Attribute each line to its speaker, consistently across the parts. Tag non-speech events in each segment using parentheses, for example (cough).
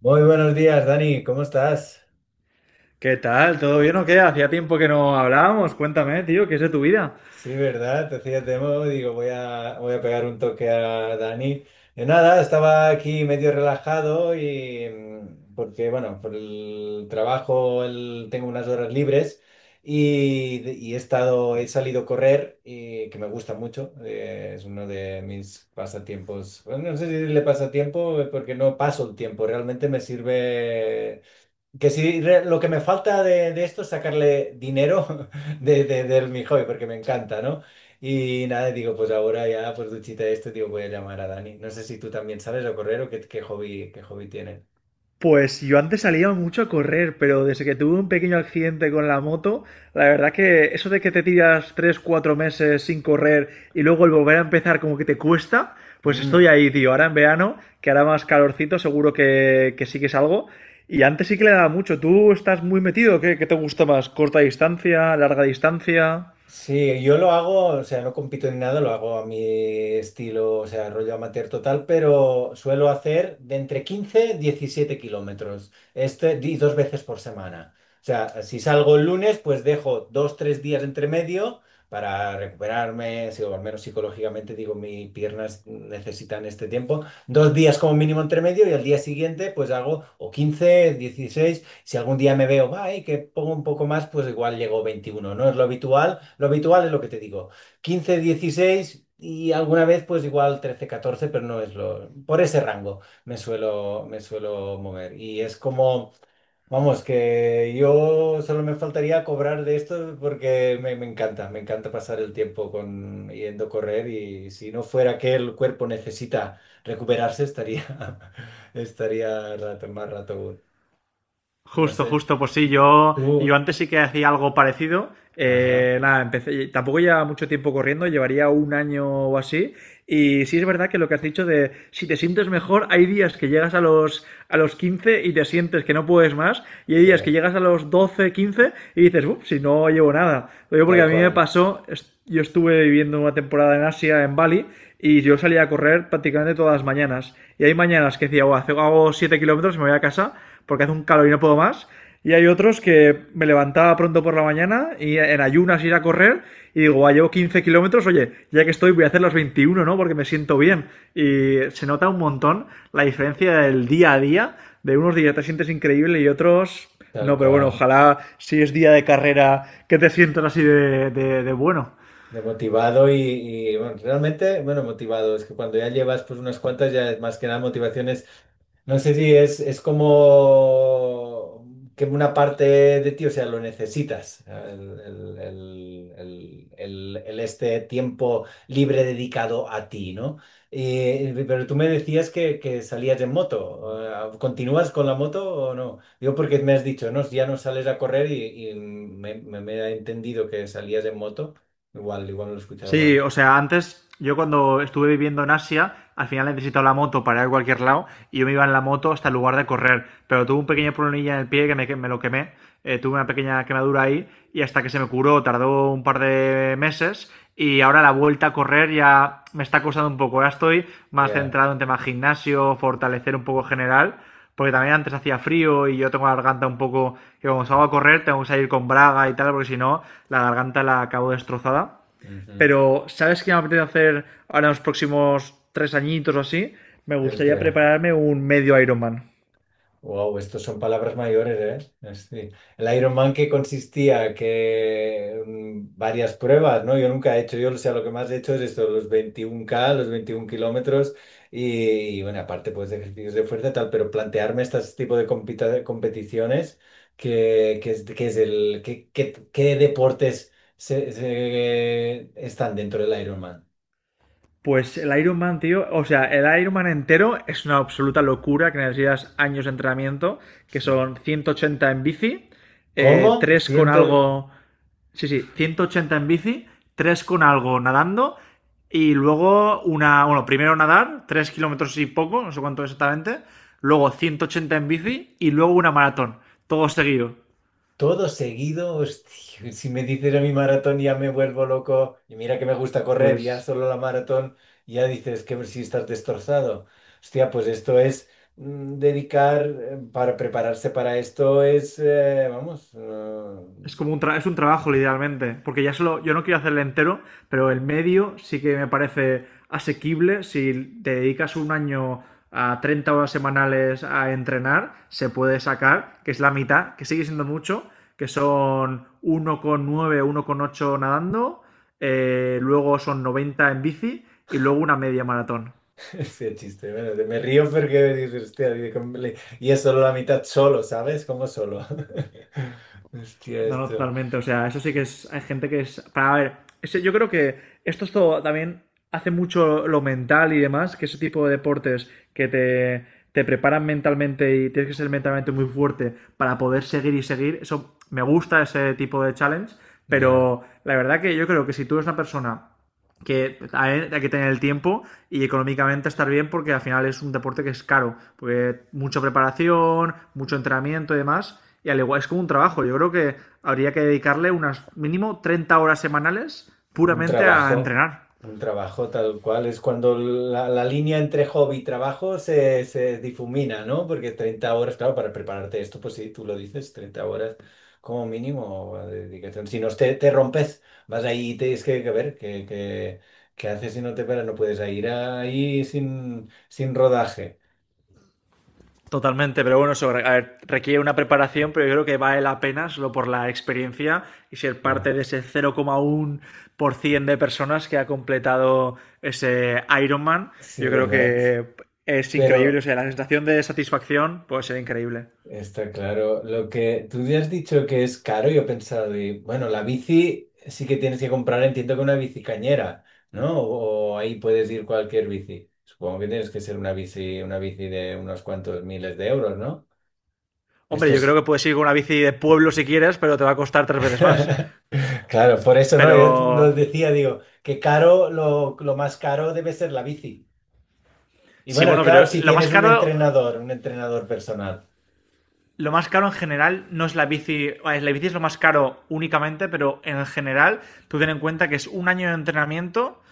Speaker 1: Muy buenos días, Dani, ¿cómo estás?
Speaker 2: ¿Qué tal? ¿Todo bien o qué? Hacía tiempo que no hablábamos. Cuéntame, tío, ¿qué es de tu vida?
Speaker 1: Sí, ¿verdad? Te hacía demo, digo, voy a pegar un toque a Dani. De nada, estaba aquí medio relajado y porque, bueno, por el trabajo tengo unas horas libres y, he salido a correr, y, que me gusta mucho, es uno de mis pasatiempos. Bueno, no sé si le pasatiempo, porque no paso el tiempo, realmente me sirve. Que sí, lo que me falta de, esto es sacarle dinero (laughs) del mi hobby, porque me encanta, ¿no? Y nada, digo, pues ahora ya, pues duchita de esto, digo, voy a llamar a Dani. No sé si tú también sales a correr o qué, qué hobby tienes.
Speaker 2: Pues yo antes salía mucho a correr, pero desde que tuve un pequeño accidente con la moto, la verdad que eso de que te tiras 3, 4 meses sin correr y luego el volver a empezar como que te cuesta, pues
Speaker 1: Mm.
Speaker 2: estoy ahí, tío. Ahora en verano, que hará más calorcito, seguro que sí que salgo. Y antes sí que le daba mucho. ¿Tú estás muy metido? ¿Qué te gusta más? ¿Corta distancia? ¿Larga distancia?
Speaker 1: Sí, yo lo hago, o sea, no compito ni nada, lo hago a mi estilo, o sea, rollo amateur total, pero suelo hacer de entre 15 y 17 kilómetros, y dos veces por semana. O sea, si salgo el lunes, pues dejo dos, tres días entre medio para recuperarme, o al menos psicológicamente digo, mis piernas necesitan este tiempo, dos días como mínimo entre medio y al día siguiente pues hago o 15 16. Si algún día me veo, ay, que pongo un poco más, pues igual llego 21, ¿no? Es lo habitual. Lo habitual es lo que te digo. 15, 16 y alguna vez pues igual 13, 14, pero no es lo... Por ese rango me suelo mover. Y es como, vamos, que yo solo me faltaría cobrar de esto porque me encanta pasar el tiempo con, yendo a correr y si no fuera que el cuerpo necesita recuperarse, estaría, (laughs) estaría rato, más rato. No
Speaker 2: Justo,
Speaker 1: sé,
Speaker 2: justo, pues sí, yo
Speaker 1: tú,
Speaker 2: antes sí que hacía algo parecido.
Speaker 1: ajá,
Speaker 2: Nada, empecé, tampoco llevaba mucho tiempo corriendo, llevaría un año o así. Y sí es verdad que lo que has dicho de si te sientes mejor, hay días que llegas a los 15 y te sientes que no puedes más, y hay
Speaker 1: sí,
Speaker 2: días que llegas a los 12 15 y dices, uff, si no llevo nada. Lo digo porque
Speaker 1: tal
Speaker 2: a mí me
Speaker 1: cual,
Speaker 2: pasó, yo estuve viviendo una temporada en Asia, en Bali, y yo salía a correr prácticamente todas las mañanas. Y hay mañanas que decía, oh, hago 7 kilómetros y me voy a casa porque hace un calor y no puedo más. Y hay otros que me levantaba pronto por la mañana y en ayunas ir a correr y digo, ah, llevo 15 kilómetros, oye, ya que estoy voy a hacer los 21, ¿no? Porque me siento bien. Y se nota un montón la diferencia del día a día, de unos días te sientes increíble y otros
Speaker 1: tal
Speaker 2: no, pero bueno,
Speaker 1: cual.
Speaker 2: ojalá si es día de carrera que te sientas así de bueno.
Speaker 1: De motivado y, bueno, realmente, bueno, motivado, es que cuando ya llevas pues unas cuantas ya es más que nada motivaciones. No sé si es como que una parte de ti, o sea, lo necesitas, el este tiempo libre dedicado a ti, ¿no? Pero tú me decías que salías en moto. ¿Continúas con la moto o no? Yo porque me has dicho, no, si ya no sales a correr y, me, me he entendido que salías en moto. Igual, igual no lo he escuchado
Speaker 2: Sí,
Speaker 1: mal.
Speaker 2: o sea, antes yo cuando estuve viviendo en Asia, al final necesitaba la moto para ir a cualquier lado y yo me iba en la moto hasta el lugar de correr. Pero tuve un pequeño problemilla en el pie que me lo quemé. Tuve una pequeña quemadura ahí y hasta que se me curó tardó un par de meses y ahora la vuelta a correr ya me está costando un poco. Ahora estoy más
Speaker 1: Ya.
Speaker 2: centrado en tema gimnasio, fortalecer un poco general, porque también antes hacía frío y yo tengo la garganta un poco que cuando salgo a correr tengo que salir con braga y tal, porque si no la garganta la acabo destrozada.
Speaker 1: Ujú.
Speaker 2: Pero, ¿sabes qué me apetece hacer ahora en los próximos 3 añitos o así? Me
Speaker 1: El
Speaker 2: gustaría
Speaker 1: que...
Speaker 2: prepararme un medio Ironman.
Speaker 1: Wow, estos son palabras mayores, ¿eh? Sí. El Ironman que consistía que varias pruebas, ¿no? Yo nunca he hecho, yo o sea, lo que más he hecho es esto, los 21 kilómetros. Y, bueno, aparte pues de ejercicios de fuerza y tal, pero plantearme este tipo de competiciones, que es el, que- ¿qué deportes están dentro del Ironman?
Speaker 2: Pues el Ironman, tío, o sea, el Ironman entero es una absoluta locura que necesitas años de entrenamiento, que son 180 en bici,
Speaker 1: ¿Cómo?
Speaker 2: 3 con algo, sí, sí, 180 en bici, 3 con algo nadando y luego una, bueno, primero nadar, 3 kilómetros y poco, no sé cuánto exactamente, luego 180 en bici y luego una maratón, todo seguido.
Speaker 1: Todo seguido, hostia, si me dices a mi maratón ya me vuelvo loco y mira que me gusta correr, ya
Speaker 2: Pues
Speaker 1: solo la maratón, ya dices que si estás destrozado. Hostia, pues esto es, dedicar, para prepararse para esto es, vamos,
Speaker 2: es como un, tra es un trabajo, literalmente. Porque ya solo, yo no quiero hacerle entero, pero el medio sí que me parece asequible. Si te dedicas un año a 30 horas semanales a entrenar, se puede sacar, que es la mitad, que sigue siendo mucho, que son 1,9, ocho nadando, luego son 90 en bici y luego una media maratón.
Speaker 1: (laughs) sí, chiste, bueno, me río porque dices, hostia, dice, "Cómo le-". Y es solo la mitad solo, ¿sabes? Como solo. (laughs) Hostia,
Speaker 2: No, no,
Speaker 1: esto.
Speaker 2: totalmente. O sea, eso sí que es. Hay gente que es. Para a ver, yo creo que esto es todo también hace mucho lo mental y demás, que ese tipo de deportes que te preparan mentalmente y tienes que ser mentalmente muy fuerte para poder seguir y seguir. Eso me gusta ese tipo de challenge,
Speaker 1: Ya.
Speaker 2: pero la verdad que yo creo que si tú eres una persona que hay que tener el tiempo y económicamente estar bien porque al final es un deporte que es caro, porque mucha preparación, mucho entrenamiento y demás, y al igual es como un trabajo, yo creo que habría que dedicarle unas mínimo 30 horas semanales
Speaker 1: Un
Speaker 2: puramente a
Speaker 1: trabajo,
Speaker 2: entrenar.
Speaker 1: un trabajo tal cual. Es cuando la línea entre hobby y trabajo se difumina, ¿no? Porque 30 horas, claro, para prepararte esto, pues sí, tú lo dices, 30 horas como mínimo de dedicación. Si no, te rompes, vas ahí y tienes que ver qué haces si no te paras, no puedes ir ahí sin rodaje.
Speaker 2: Totalmente, pero bueno, eso a ver, requiere una preparación, pero yo creo que vale la pena solo por la experiencia y ser
Speaker 1: Ya.
Speaker 2: parte de ese 0,1% de personas que ha completado ese Ironman.
Speaker 1: Sí,
Speaker 2: Yo creo
Speaker 1: ¿verdad?
Speaker 2: que es increíble, o
Speaker 1: Pero,
Speaker 2: sea, la sensación de satisfacción puede ser increíble.
Speaker 1: está claro. Lo que tú ya has dicho que es caro, yo he pensado, de, bueno, la bici sí que tienes que comprar, entiendo que una bici cañera, ¿no? O ahí puedes ir cualquier bici. Supongo que tienes que ser una bici de unos cuantos miles de euros, ¿no?
Speaker 2: Hombre,
Speaker 1: Esto
Speaker 2: yo creo
Speaker 1: sí.
Speaker 2: que puedes ir con una bici de pueblo si quieres, pero te va a costar 3 veces más.
Speaker 1: (laughs) Claro, por eso, ¿no?
Speaker 2: Pero
Speaker 1: Yo nos decía, digo, que caro, lo más caro debe ser la bici. Y
Speaker 2: sí,
Speaker 1: bueno, y
Speaker 2: bueno,
Speaker 1: claro,
Speaker 2: pero
Speaker 1: si
Speaker 2: lo más
Speaker 1: tienes
Speaker 2: caro
Speaker 1: un entrenador personal.
Speaker 2: lo más caro en general no es la bici. Vale, la bici es lo más caro únicamente, pero en general, tú ten en cuenta que es un año de entrenamiento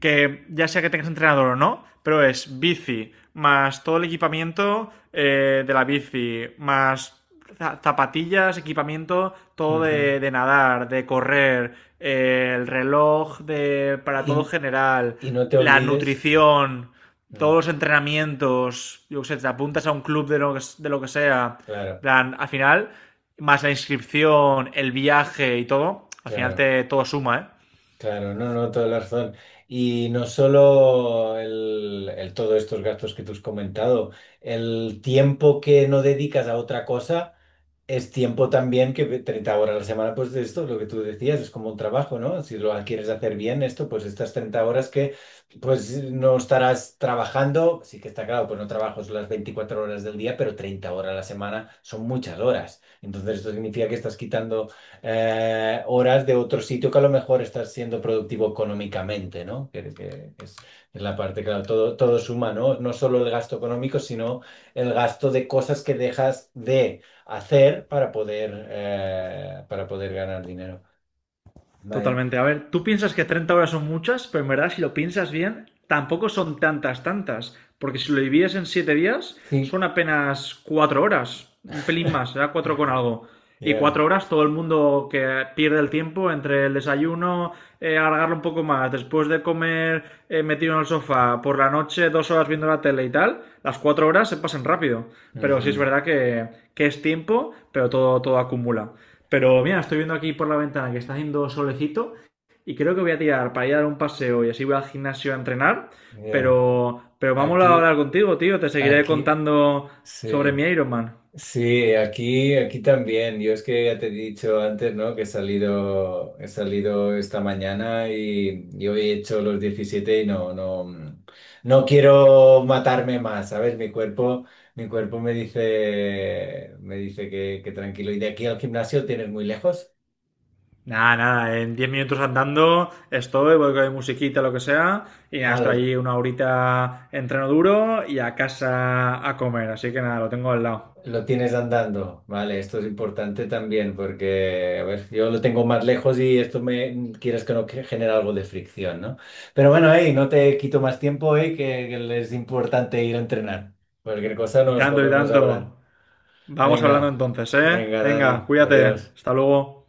Speaker 2: que ya sea que tengas entrenador o no, pero es bici más todo el equipamiento de la bici, más zapatillas, equipamiento, todo
Speaker 1: Ujú.
Speaker 2: de nadar, de correr, el reloj de, para todo
Speaker 1: Y,
Speaker 2: general,
Speaker 1: no te
Speaker 2: la
Speaker 1: olvides.
Speaker 2: nutrición,
Speaker 1: Mm,
Speaker 2: todos los entrenamientos, yo qué sé, te apuntas a un club de lo que sea,
Speaker 1: Claro,
Speaker 2: plan, al final, más la inscripción, el viaje y todo, al final
Speaker 1: claro.
Speaker 2: te, todo suma, ¿eh?
Speaker 1: Claro, no, no, toda la razón. Y no solo todos estos gastos que tú has comentado, el tiempo que no dedicas a otra cosa es tiempo también que 30 horas a la semana, pues de esto, lo que tú decías, es como un trabajo, ¿no? Si lo quieres hacer bien esto, pues estas 30 horas que pues no estarás trabajando, sí que está claro, pues no trabajas las 24 horas del día, pero 30 horas a la semana son muchas horas. Entonces esto significa que estás quitando, horas de otro sitio que a lo mejor estás siendo productivo económicamente, ¿no? Que es la parte, claro, todo, todo suma, ¿no? No solo el gasto económico, sino el gasto de cosas que dejas de hacer para poder ganar dinero. Vaya.
Speaker 2: Totalmente. A ver, tú piensas que 30 horas son muchas, pero en verdad, si lo piensas bien, tampoco son tantas, tantas. Porque si lo divides en 7 días,
Speaker 1: Sí.
Speaker 2: son apenas 4 horas. Un pelín más, será 4 con algo. Y
Speaker 1: Yeah.
Speaker 2: 4 horas todo el mundo que pierde el tiempo entre el desayuno, alargarlo un poco más, después de comer metido en el sofá, por la noche 2 horas viendo la tele y tal, las 4 horas se pasan rápido. Pero sí es
Speaker 1: Ujú.
Speaker 2: verdad que es tiempo, pero todo, todo acumula. Pero mira, estoy viendo aquí por la ventana que está haciendo solecito y creo que voy a tirar para ir a dar un paseo y así voy al gimnasio a entrenar.
Speaker 1: Yeah.
Speaker 2: Pero vamos a
Speaker 1: Aquí,
Speaker 2: hablar contigo, tío. Te seguiré
Speaker 1: aquí,
Speaker 2: contando sobre
Speaker 1: sí.
Speaker 2: mi Ironman.
Speaker 1: Sí, aquí, aquí también. Yo es que ya te he dicho antes, ¿no? Que he salido esta mañana y yo he hecho los 17 y no quiero matarme más, ¿sabes? Mi cuerpo me dice que tranquilo. ¿Y de aquí al gimnasio tienes muy lejos?
Speaker 2: Nada, nada, en 10 minutos andando estoy, voy con mi musiquita, lo que sea, y nada,
Speaker 1: Ah,
Speaker 2: estoy
Speaker 1: lo
Speaker 2: allí una horita entreno duro y a casa a comer, así que nada, lo tengo al lado.
Speaker 1: Lo tienes andando, vale, esto es importante también porque, a ver, yo lo tengo más lejos y esto me quieres que no que genera algo de fricción, ¿no? Pero bueno, hey, no te quito más tiempo, hey, que es importante ir a entrenar. Cualquier cosa
Speaker 2: Y
Speaker 1: nos
Speaker 2: tanto, y
Speaker 1: volvemos a hablar.
Speaker 2: tanto. Vamos hablando
Speaker 1: Venga,
Speaker 2: entonces, ¿eh?
Speaker 1: venga,
Speaker 2: Venga,
Speaker 1: Dani,
Speaker 2: cuídate.
Speaker 1: adiós.
Speaker 2: Hasta luego.